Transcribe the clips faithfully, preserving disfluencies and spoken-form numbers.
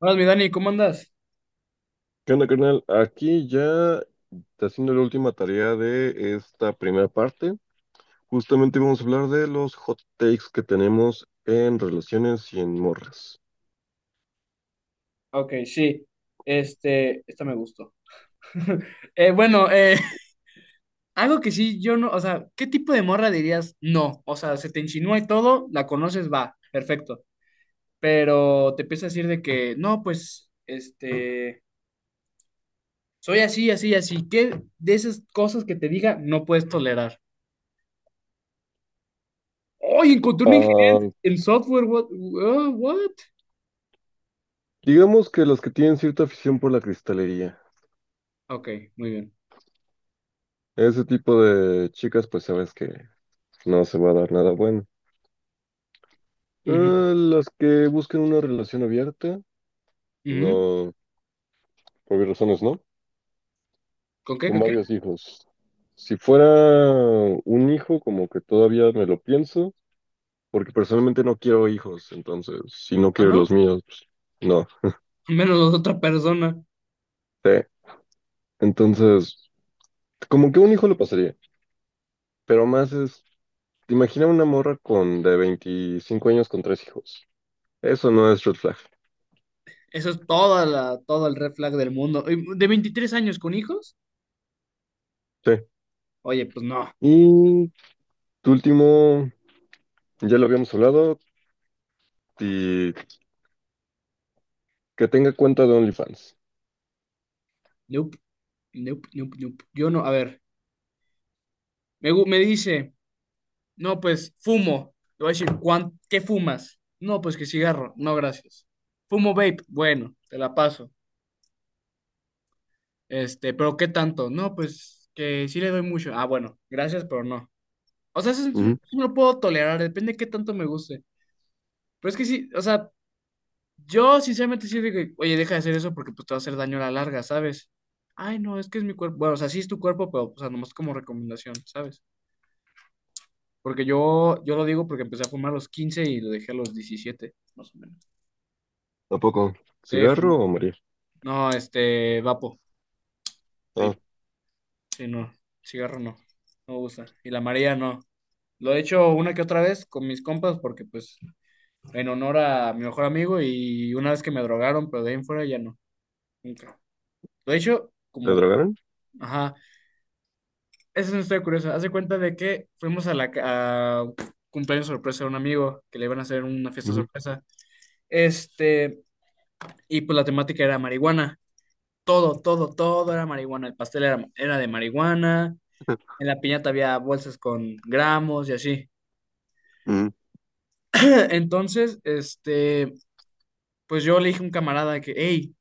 Hola, mi Dani, ¿cómo andas? ¿Qué onda, carnal? Aquí ya está haciendo la última tarea de esta primera parte. Justamente vamos a hablar de los hot takes que tenemos en relaciones y en morras. Ok, sí. Este, esta me gustó. Eh, bueno, eh, algo que sí, yo no, o sea, ¿qué tipo de morra dirías? No, o sea, se te insinúa y todo, la conoces, va, perfecto. Pero te empieza a decir de que, no, pues, este, soy así, así, así. ¿Qué de esas cosas que te diga no puedes tolerar? ¡Ay, encontré un ingeniero Ah, en software! ¿What? uh, what? digamos que las que tienen cierta afición por la cristalería. Ok, muy bien. Ese tipo de chicas, pues sabes que no se va a dar nada bueno. Eh, las que buscan una relación abierta, Ujú, ujú. no, por obvias razones, ¿no? ¿Con qué, Con con qué? varios hijos. Si fuera un hijo, como que todavía me lo pienso, porque personalmente no quiero hijos, entonces, si no ¿Ah, quiero los no? míos, pues, no, Menos otra persona. sí. Entonces, como que un hijo lo pasaría, pero más es, imagina una morra con de veinticinco años con tres hijos. Eso no es red flag, Eso es toda la, todo el red flag del mundo. ¿Y de veintitrés años con hijos? sí. Oye, pues no. Y tu último, ya lo habíamos hablado, y que tenga cuenta de OnlyFans. Nope. Nope, nope, nope. Yo no, a ver. Me, gu- me dice, no, pues fumo. Le voy a decir, "¿Cuán- ¿qué fumas? No, pues que cigarro. No, gracias. Fumo vape. Bueno, te la paso. Este, pero ¿qué tanto? No, pues que sí le doy mucho. Ah, bueno, gracias, pero no. O sea, eso, es- eso Ujú. lo puedo tolerar, depende de qué tanto me guste. Pero es que sí, o sea, yo sinceramente sí digo, oye, deja de hacer eso porque pues te va a hacer daño a la larga, ¿sabes? Ay, no, es que es mi cuerpo. Bueno, o sea, sí es tu cuerpo, pero, o sea, nomás como recomendación, ¿sabes? Porque yo, yo lo digo porque empecé a fumar a los quince y lo dejé a los diecisiete más o menos. ¿A poco? Sí, ¿Cigarro fumo. o morir? No, este, vapo. Ah, Vape. Sí, no, cigarro no, no me gusta. Y la María no. Lo he hecho una que otra vez con mis compas porque pues en honor a mi mejor amigo y una vez que me drogaron, pero de ahí en fuera ya no, nunca. Lo he hecho ¿le como... drogaron? Ajá. Esa es una historia curiosa. Hace cuenta de que fuimos a la ca- a cumpleaños sorpresa de un amigo que le iban a hacer una fiesta Ujú. sorpresa. Este, y pues la temática era marihuana. Todo, todo, todo era marihuana. El pastel era, era de marihuana. En la piñata había bolsas con gramos y así. Ujú. Entonces, este, pues yo le dije a un camarada que, hey,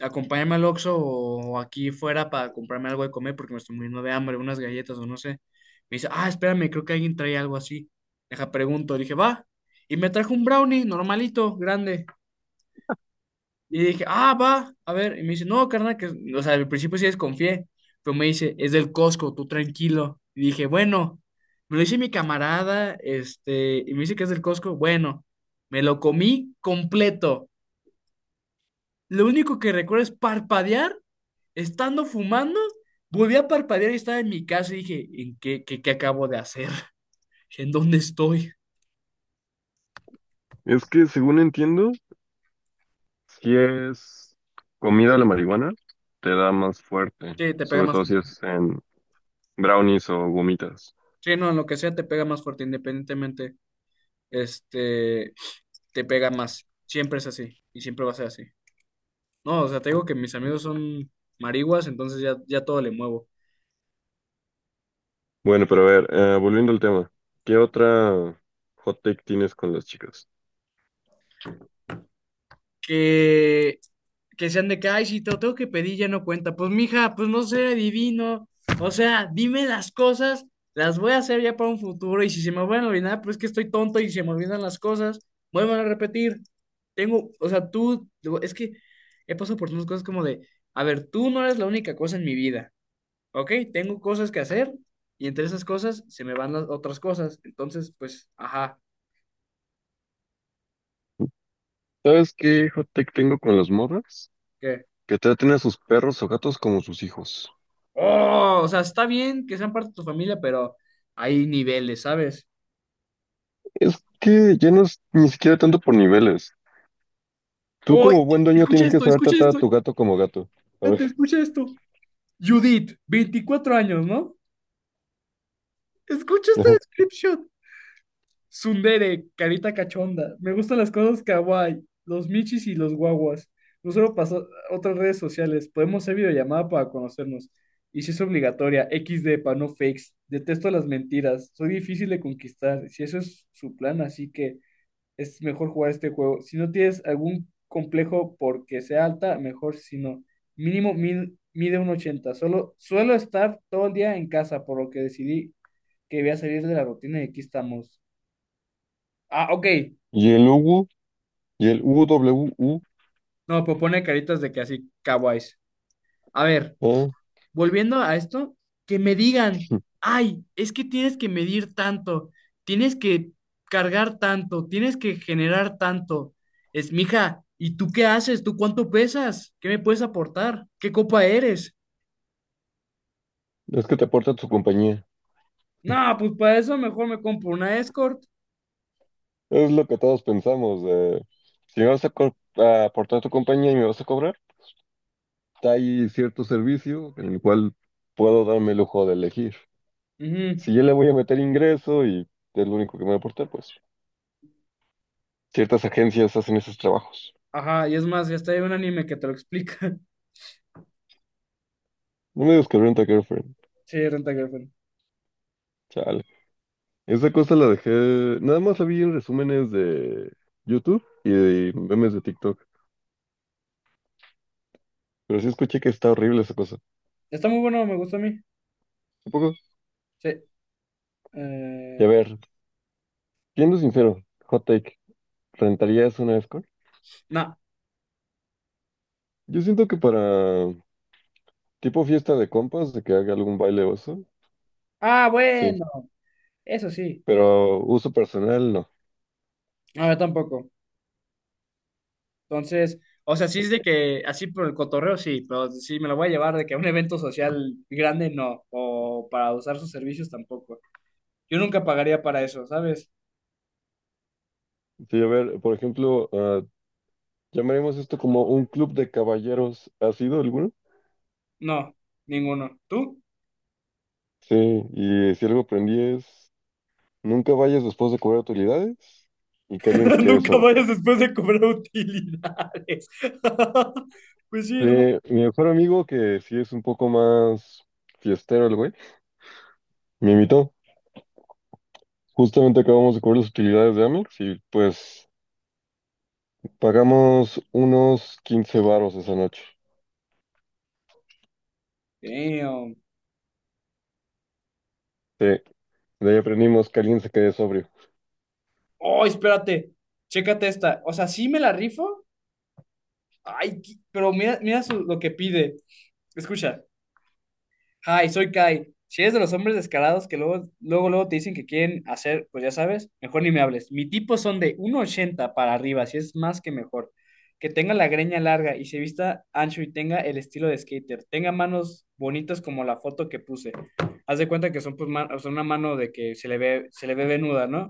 acompáñame al Oxxo o aquí fuera para comprarme algo de comer porque me estoy muriendo de hambre, unas galletas o no sé. Me dice, ah, espérame, creo que alguien trae algo así. Deja, pregunto. Le dije, va. Y me trajo un brownie normalito, grande. Y dije, ah, va. A ver. Y me dice, no, carnal, que, o sea, al principio sí desconfié. Pero me dice, es del Costco, tú tranquilo. Y dije, bueno. Me lo dice mi camarada, este, y me dice que es del Costco. Bueno, me lo comí completo. Lo único que recuerdo es parpadear estando fumando, volví a parpadear y estaba en mi casa y dije, ¿en qué, qué, qué acabo de hacer? ¿En dónde estoy? Es que según entiendo, si es comida la marihuana, te da más fuerte, Sí, te pega sobre más todo si fuerte. es en brownies o gomitas. Sí, no, en lo que sea te pega más fuerte, independientemente, este, te pega más. Siempre es así y siempre va a ser así. No, o sea, te digo que mis amigos son marihuas, entonces ya, ya todo le muevo. Bueno, pero a ver, eh, volviendo al tema, ¿qué otra hot take tienes con las chicas? que, que sean de que, ay, si te lo tengo que pedir, ya no cuenta. Pues, mija, pues no sé, divino. O sea, dime las cosas, las voy a hacer ya para un futuro. Y si se me van a olvidar, pues es que estoy tonto y se me olvidan las cosas, vuelvan a repetir. Tengo, o sea, tú, digo, es que he pasado por unas cosas como de, a ver, tú no eres la única cosa en mi vida, ¿ok? Tengo cosas que hacer y entre esas cosas se me van las otras cosas. Entonces, pues, ajá, ¿Sabes qué hot take tengo con las morras? ¿qué? Que traten a sus perros o gatos como sus hijos. Oh, o sea, está bien que sean parte de tu familia, pero hay niveles, ¿sabes? Es que ya no es ni siquiera tanto por niveles. Tú ¡Oh! como buen dueño Escucha tienes que esto, saber escucha tratar a esto. tu gato como gato. A ver. Espérate, escucha esto. Judith, veinticuatro años, ¿no? Escucha esta Ajá. descripción. Tsundere, carita cachonda. Me gustan las cosas kawaii, los michis y los guaguas. No solo pasó otras redes sociales. Podemos hacer videollamada para conocernos. Y si es obligatoria, equis de para no fakes. Detesto las mentiras. Soy difícil de conquistar. Si eso es su plan, así que es mejor jugar este juego. Si no tienes algún complejo porque sea alta, mejor si no. Mínimo mil- mide un ochenta. Solo, suelo estar todo el día en casa, por lo que decidí que voy a salir de la rutina y aquí estamos. Ah, ok. Y el UWU, y el UWU, No, pues pone caritas de que así, kawaiis. A ver, ah, volviendo a esto, que me digan, ay, es que tienes que medir tanto, tienes que cargar tanto, tienes que generar tanto. Es, mija, ¿y tú qué haces? ¿Tú cuánto pesas? ¿Qué me puedes aportar? ¿Qué copa eres? es que te aporta tu compañía. No, pues para eso mejor me compro una escort. Es lo que todos pensamos. eh, si me vas a, co- a aportar tu compañía y me vas a cobrar, hay cierto servicio en el cual puedo darme el lujo de elegir. Ujú. Si yo le voy a meter ingreso y es lo único que me va a aportar, pues ciertas agencias hacen esos trabajos. Ajá, y es más, ya está hay un anime que te lo explica. No me digas que Rent a Girlfriend. Sí, Renta Girlfriend. Chale. Esa cosa la dejé, nada más la vi en resúmenes de YouTube y de memes de TikTok, pero sí escuché que está horrible esa cosa. Está muy bueno, me gusta a mí. ¿Un poco? Sí. Y a Eh, ver, siendo sincero, hot take, ¿rentarías una escort? no. Yo siento que para tipo fiesta de compas, de que haga algún baile oso, Ah, sí, bueno, eso sí. pero uso personal no. No, yo tampoco. Entonces, o sea, sí es de que así por el cotorreo, sí, pero si me lo voy a llevar de que a un evento social grande, no, o para usar sus servicios tampoco. Yo nunca pagaría para eso, ¿sabes? Sí, a ver, por ejemplo, ah, llamaremos esto como un club de caballeros, ¿ha sido alguno? No, ninguno. ¿Tú? Sí, y si algo aprendí es, nunca vayas después de cobrar utilidades y que alguien se quede Nunca sobre. vayas después de cobrar utilidades. Pues sí, Sí, hermano. mi mejor amigo, que sí es un poco más fiestero el güey, me invitó. Justamente acabamos de cubrir las utilidades de Amex y pues pagamos unos quince varos esa noche. Damn. Sí, de ahí aprendimos que alguien se quede sobrio. Oh, espérate, chécate esta. O sea, sí me la rifo. Ay, qui- pero mira, mira su- lo que pide. Escucha. Hi, soy Kai. Si eres de los hombres descarados que luego, luego, luego te dicen que quieren hacer, pues ya sabes, mejor ni me hables. Mi tipo son de uno ochenta para arriba, si es más que mejor. Que tenga la greña larga y se vista ancho y tenga el estilo de skater. Tenga manos bonitas como la foto que puse. Haz de cuenta que son, pues, ma- son una mano de que se le ve, se le ve venuda, ¿no?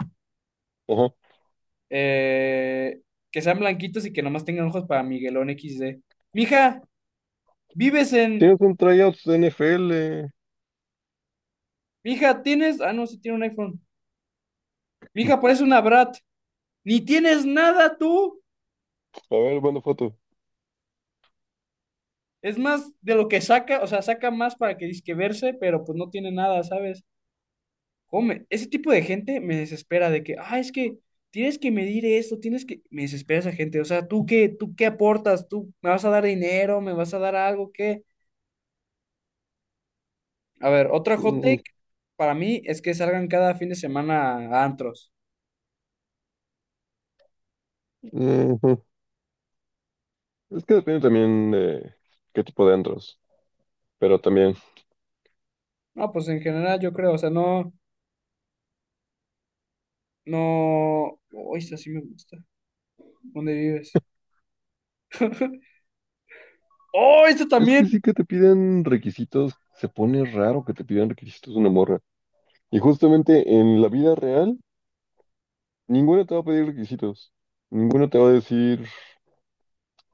Ajá. Eh, que sean blanquitos y que nomás tengan ojos para Miguelón equis de. Mija, vives en... ¿Tienes un tryout de N F L? Mija, tienes... Ah, no, sí tiene un iPhone. Mija, pareces una brat. Ni tienes nada tú. A ver, manda foto. Es más de lo que saca, o sea, saca más para que disque verse, pero pues no tiene nada, ¿sabes? Come, ese tipo de gente me desespera de que, ah, es que tienes que medir esto, tienes que. Me desespera esa gente. O sea, ¿tú qué, ¿tú qué aportas? ¿Tú me vas a dar dinero? ¿Me vas a dar algo? ¿Qué? A ver, otra hot Mm, take para mí es que salgan cada fin de semana a antros. ujú. Es que depende también de qué tipo de antros, pero también. No, pues en general yo creo, o sea, no, no. Oh, esta sí me gusta. ¿Dónde vives? Oh, esto Es también. que sí que te piden requisitos, se pone raro que te pidan requisitos de una morra. Y justamente en la vida real, ninguno te va a pedir requisitos. Ninguno te va a decir,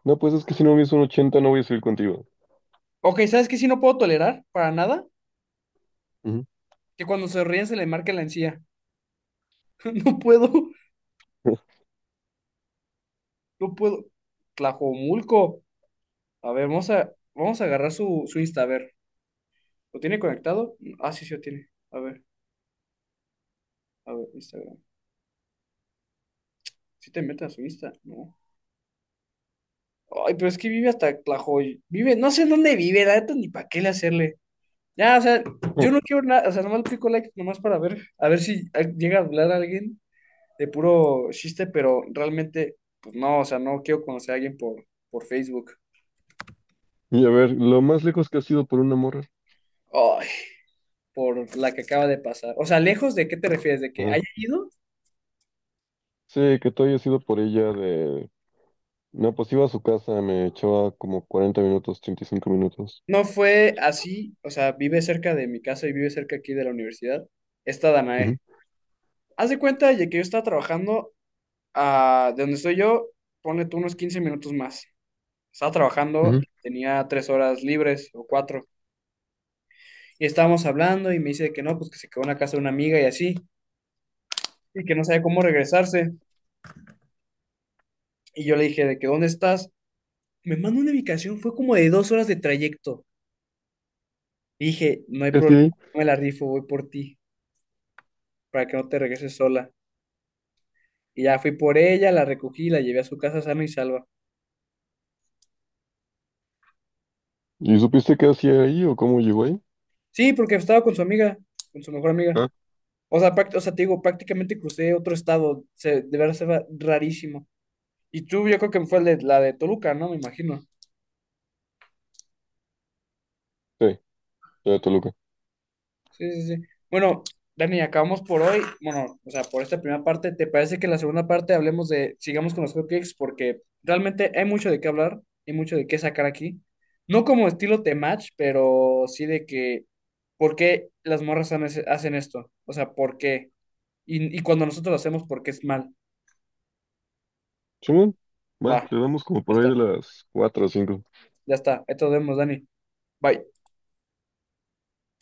no, pues es que si no me hizo un ochenta no voy a salir contigo. Ok, ¿sabes qué? Si no puedo tolerar para nada, Ujú. que cuando se ríen se le marque la encía. No puedo, no puedo. Tlajomulco. A ver, vamos a, vamos a agarrar su, su Insta. A ver, ¿lo tiene conectado? Ah, sí, sí lo tiene. A ver, a ver, Instagram. ¿Si te metes a su Insta? No. Ay, pero es que vive hasta Tlajoy. Vive, no sé en dónde vive, la neta, ni para qué le hacerle. Ya, o sea, yo no quiero nada, o sea, nomás le pico like, nomás para ver, a ver si ah, llega a hablar alguien. De puro chiste, pero realmente, pues no, o sea, no quiero conocer a alguien por, por Facebook. Y a ver, lo más lejos que has ido por una morra. Ay, por la que acaba de pasar. O sea, lejos de qué te refieres, de que Ajá. haya ido. Sí, que tú hayas ido por ella de... No, pues iba a su casa, me echaba como cuarenta minutos, treinta y cinco minutos. No fue así, o sea, vive cerca de mi casa y vive cerca aquí de la universidad. Esta Ujú, Danae. Haz de cuenta de que yo estaba trabajando ah, de donde estoy yo, ponle tú unos quince minutos más. Estaba trabajando ujú. y tenía tres horas libres o cuatro. Y estábamos hablando y me dice que no, pues que se quedó en la casa de una amiga y así, y que no sabía cómo regresarse. Y yo le dije, ¿de que dónde estás? Me mandó una ubicación, fue como de dos horas de trayecto. Y dije, no hay ¿Qué hacía problema, ahí? me la rifo, voy por ti, para que no te regreses sola. Y ya fui por ella, la recogí, la llevé a su casa sana y salva. ¿Y supiste qué hacía ahí o cómo llegó ahí? Sí, porque estaba con su amiga, con su mejor amiga. Ah, O sea, práct- o sea, te digo, prácticamente crucé otro estado, se, de verdad se va rarísimo. Y tú, yo creo que fue el de- la de Toluca, ¿no? Me imagino. sí, ya de Toluca. Sí, sí, sí. Bueno, Dani, acabamos por hoy. Bueno, o sea, por esta primera parte, ¿te parece que en la segunda parte hablemos de, sigamos con los hotcakes? Porque realmente hay mucho de qué hablar y mucho de qué sacar aquí. No como estilo de match, pero sí de que, ¿por qué las morras han- hacen esto? O sea, ¿por qué? Y, y cuando nosotros lo hacemos, ¿por qué es mal? Simón, Va, va, le damos como ya por ahí de está, las cuatro o cinco ya está. Ahí te vemos, Dani. Bye.